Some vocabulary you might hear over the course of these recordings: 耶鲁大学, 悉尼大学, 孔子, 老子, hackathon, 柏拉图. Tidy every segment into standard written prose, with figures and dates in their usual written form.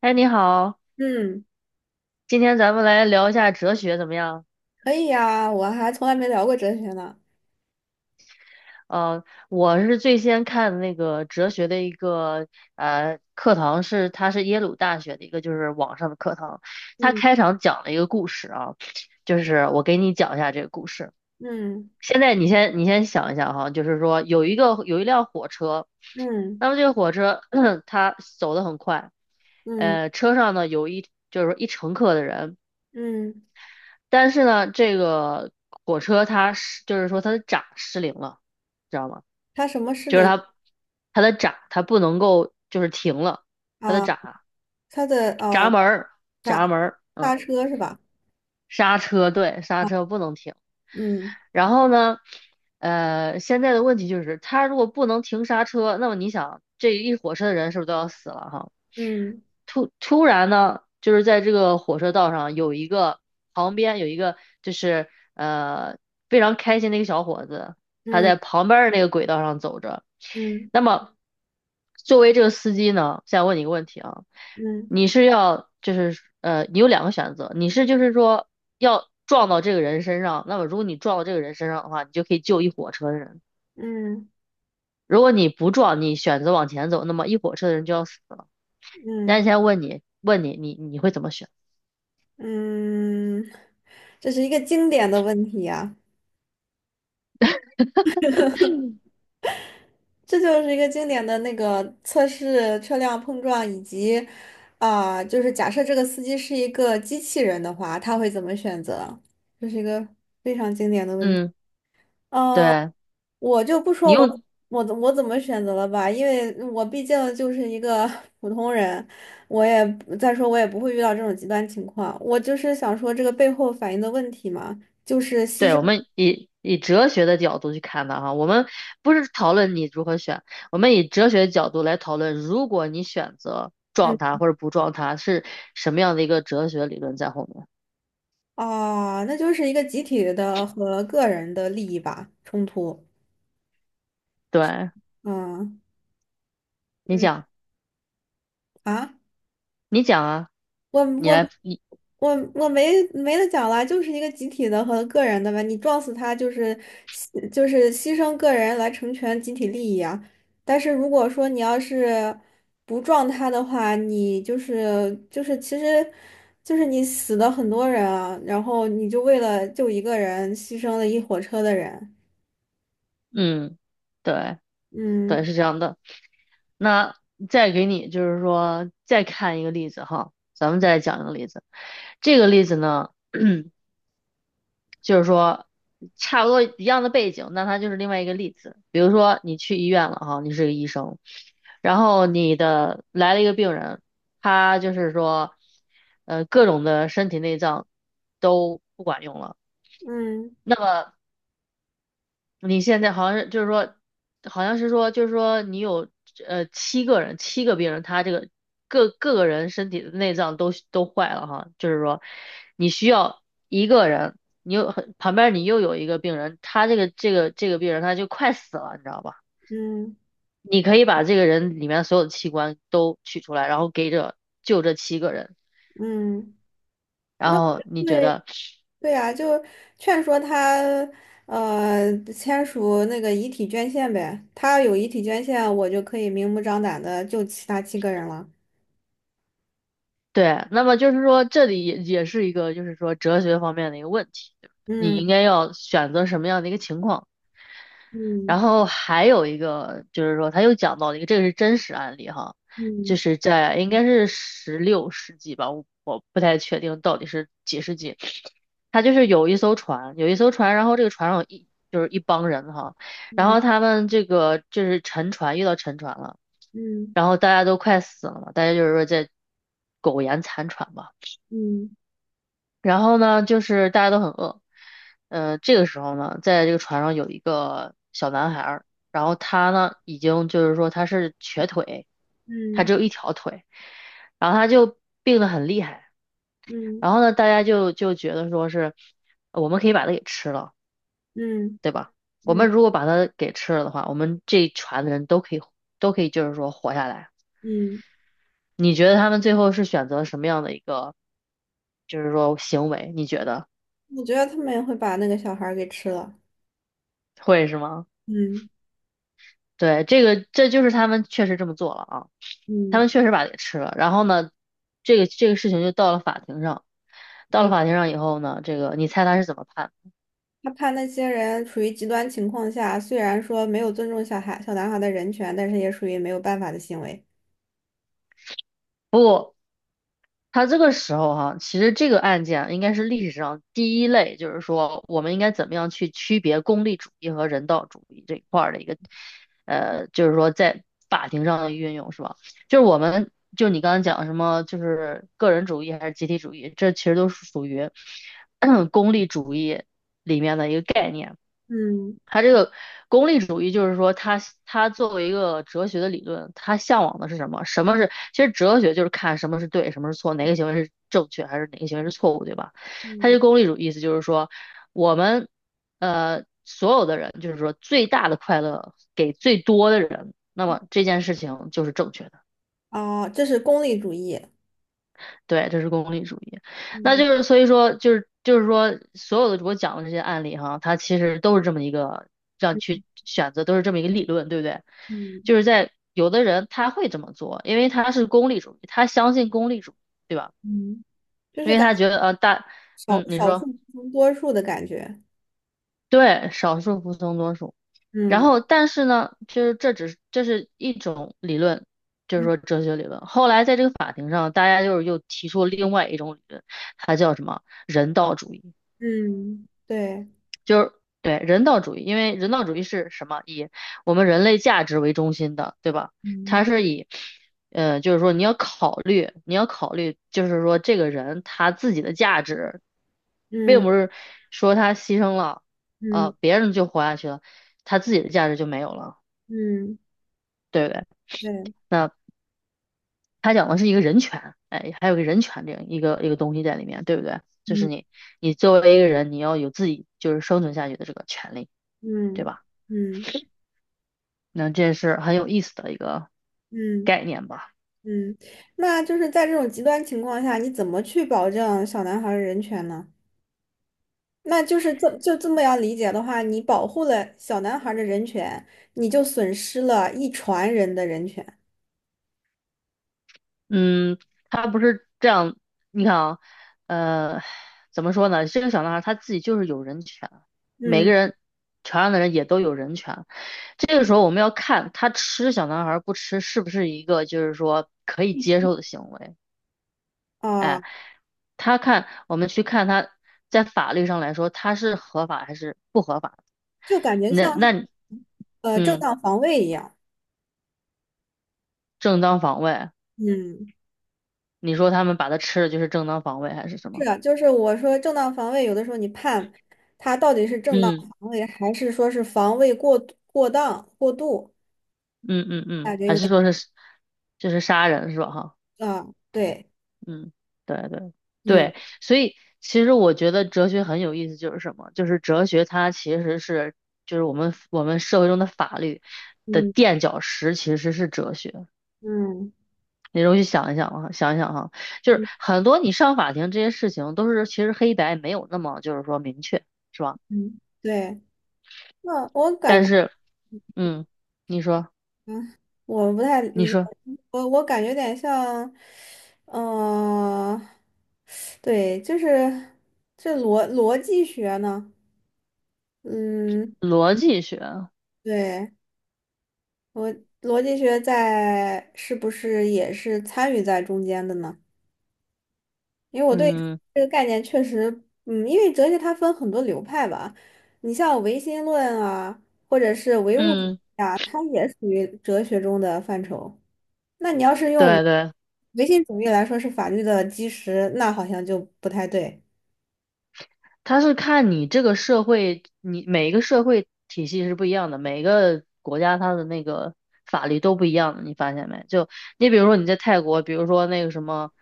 哎，你好，嗯，今天咱们来聊一下哲学怎么样？可以呀，我还从来没聊过哲学呢。呃，我是最先看的那个哲学的一个课堂是，它是耶鲁大学的一个就是网上的课堂，它嗯开场讲了一个故事啊，就是我给你讲一下这个故事。嗯现在你先想一下哈，就是说有一辆火车，嗯那么这个火车 它走得很快，嗯车上呢就是说一乘客的人。嗯。但是呢，这个火车就是说它的闸失灵了，知道吗？它什么失就是灵它的闸它不能够就是停了，它的啊？它的闸门儿闸刹门儿，嗯，刹车是吧？刹车，对，刹车不能停。嗯然后呢，现在的问题就是它如果不能停刹车，那么你想这一火车的人是不是都要死了哈？嗯突然呢，就是在这个火车道上有一个旁边有一个就是非常开心的一个小伙子，他在嗯旁边的那个轨道上走着。嗯那么作为这个司机呢，现在问你一个问题啊，嗯你是要就是你有两个选择，就是说要撞到这个人身上，那么如果你撞到这个人身上的话，你就可以救一火车的人。嗯如果你不撞，你选择往前走，那么一火车的人就要死了。那现嗯在问你，你会怎么选？嗯。这是一个经典的问题呀，这就是一个经典的那个测试车辆碰撞以及啊、就是假设这个司机是一个机器人的话，他会怎么选择？这是一个。嗯，呃，对，我就不你说我用，我怎我怎么选择了吧，因为我毕竟就是一个 普通人，我也再说我也不会遇到这种极端情况。我就是想说这个背后反映的问题嘛，就是牺对，牲。我们以哲学的角度去看的哈，我们不是讨论你如何选，我们以哲学的角度来讨论，如果你选择嗯撞它或者不撞它，是什么样的一个哲学理论在后面？啊，那就是一个集体的和个人的利益吧，冲突。对，嗯你讲，嗯啊。你讲啊，我你我来，我没得讲了，就是一个集体的和个人的吧。你撞死他就是就是牺牲个人来成全集体利益啊。但是如果说你要是不撞他的话，你就是就是其实你死了很多人啊，然后你就为了救一个人牺牲了一火车的人。嗯，对，对，嗯是这样的。那再给你就是说再看一个例子哈，咱们再来讲一个例子，这个例子呢。就是说差不多一样的背景，那它就是另外一个例子。比如说你去医院了哈，你是个医生，然后你的来了一个病人，他就是说，各种的身体内脏都不管用了。嗯那么你现在好像是就是说，好像是说就是说你有七个人，七个病人，他这个各个人身体的内脏都坏了哈，就是说你需要一个人，你又很旁边你又有一个病人，他这个病人他就快死了，你知道吧？嗯你可以把这个人里面所有的器官都取出来，然后就这七个人，嗯，然那后你觉对。得。对呀，就劝说他，签署那个遗体捐献呗。他有遗体捐献，我就可以明目张胆的救其他七个人了。对，那么就是说，这里也是一个，就是说哲学方面的一个问题，对不对你应嗯该要选择什么样的一个情况。然嗯后还有一个就是说，他又讲到了一个，这个是真实案例哈，就嗯是在应该是16世纪吧，我不太确定到底是几世纪。他就是有一艘船，然后这个船上就是一帮人哈，然后嗯他们这个就是沉船，遇到沉船了，嗯然后大家都快死了嘛，大家就是说在苟延残喘吧。嗯然后呢，就是大家都很饿，这个时候呢，在这个船上有一个小男孩儿，然后他呢，已经就是说他是瘸腿，他嗯只有一条腿，然后他就病得很厉害，嗯然后呢，大家就觉得说是，我们可以把它给吃了，嗯对吧？我们嗯如果把它给吃了的话，我们这一船的人都可以就是说活下来。嗯。你觉得他们最后是选择什么样的一个，就是说行为？你觉得我觉得他们也会把那个小孩儿给吃了。会是吗？嗯对，这就是他们确实这么做了啊，他嗯们确实把它给吃了。然后呢，这个事情就到了法庭上，到了嗯。法庭上以后呢，这个你猜他是怎么判？他怕那些人处于极端情况下，虽然说没有尊重小孩、小男孩的人权，但是也属于没有办法的行为。不。他这个时候哈，其实这个案件啊应该是历史上第一类，就是说我们应该怎么样去区别功利主义和人道主义这一块儿的一个，就是说在法庭上的运用是吧？就是我们就你刚才讲什么，就是个人主义还是集体主义，这其实都是属于 功利主义里面的一个概念。嗯他这个功利主义就是说他作为一个哲学的理论，他向往的是什么？什么是？其实哲学就是看什么是对，什么是错，哪个行为是正确，还是哪个行为是错误，对吧？他这嗯。功利主义意思就是说，我们所有的人，就是说最大的快乐给最多的人，那么这件事情就是正确的。啊，这是功利主义。对，这是功利主义。那嗯就是所以说，就是说，所有的我讲的这些案例哈，他其实都是这么一个让你嗯去选择，都是这么一个理论，对不对？嗯就是在有的人他会这么做，因为他是功利主义，他相信功利主义，对吧？嗯，就因是为他觉得嗯，少你少数说。服从多数的感觉。对，少数服从多数。然嗯后，但是呢，就是这是一种理论，就是说嗯哲学理论。后来在这个法庭上，大家就是又提出了另外一种理论，它叫什么人道主义。嗯对，就是对人道主义，因为人道主义是什么？以我们人类价值为中心的，对吧？嗯它是以，就是说你要考虑，你要考虑，就是说这个人他自己的价值，并嗯不是说他牺牲了，嗯别人就活下去了，他自己的价值就没有了，嗯对不对？对，那他讲的是一个人权，哎，还有个人权这样一个一个东西在里面，对不对？嗯你作为一个人，你要有自己就是生存下去的这个权利，对嗯吧？嗯那这是很有意思的一个嗯概念吧？嗯，那就是在这种极端情况下，你怎么去保证小男孩儿的人权呢？那就是这就这么样理解的话，你保护了小男孩儿的人权，你就损失了一船人的人权。嗯，他不是这样，你看啊，呃，怎么说呢？这个小男孩他自己就是有人权，每个嗯人船上的人也都有人权。这个时候我们要看他吃小男孩不吃是不是一个就是说可以接受的行为。啊，我们去看他在法律上来说他是合法还是不合法？就感觉那像。那正嗯，当防卫一样。正当防卫。嗯，你说他们把它吃了就是正当防卫还是什是么？的，就是我说正当防卫，有的时候你判他到底是正当嗯防卫，还是说是防卫过度过当、过度，嗯嗯嗯，感觉还有是点说是就是杀人是吧？哈，啊，对，嗯，对对嗯对，所以其实我觉得哲学很有意思，就是什么？就是哲学它其实是就是我们社会中的法律的嗯垫脚石，其实是哲学。嗯你容易想一想啊，想一想哈，就是嗯很多你上法庭这些事情都是其实黑白没有那么就是说明确，是吧？嗯，对。那我感但觉，是嗯，你说嗯，我不太你理解，说我感觉有点像，嗯、对，就是这逻辑学呢，嗯，逻辑学。对。我逻辑学在是不是也是参与在中间的呢？因为我对嗯这个概念确实，嗯，因为哲学它分很多流派吧，你像唯心论啊，或者是唯物主义嗯，啊，它也属于哲学中的范畴。那你要是用对对，唯心主义来说是法律的基石，那好像就不太对。它是看你这个社会，你每一个社会体系是不一样的，每个国家它的那个法律都不一样的，你发现没？就你比如说你在泰国，比如说那个什么，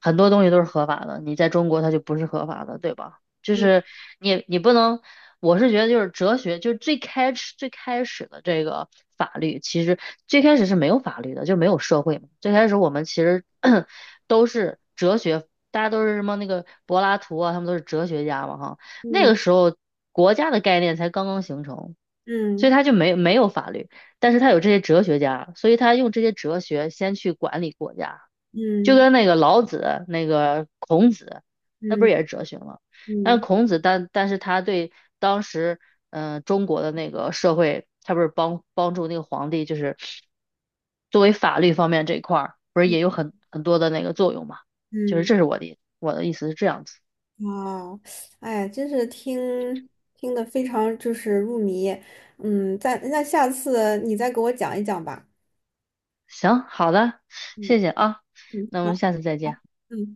很多东西都是合法的，你在中国它就不是合法的，对吧？就是嗯你不能，我是觉得就是哲学，就是最开始的这个法律，其实最开始是没有法律的，就没有社会嘛。最开始我们其实 都是哲学，大家都是什么那个柏拉图啊，他们都是哲学家嘛哈。那嗯个时候国家的概念才刚刚形成，所以嗯他就没有法律，但是他有这些哲学家，所以他用这些哲学先去管理国家，就嗯跟那个老子、那个孔子，那不嗯是也是哲学吗？但嗯孔子但是他对当时中国的那个社会，他不是帮助那个皇帝，就是作为法律方面这一块儿，不是也嗯有很多的那个作用嘛？就是嗯。这是我的意思是这样子。啊，哎，真是听得非常就是入迷，嗯，那下次你再给我讲一讲吧。行，好的，嗯谢谢啊，嗯，那我们好，下次再见。嗯。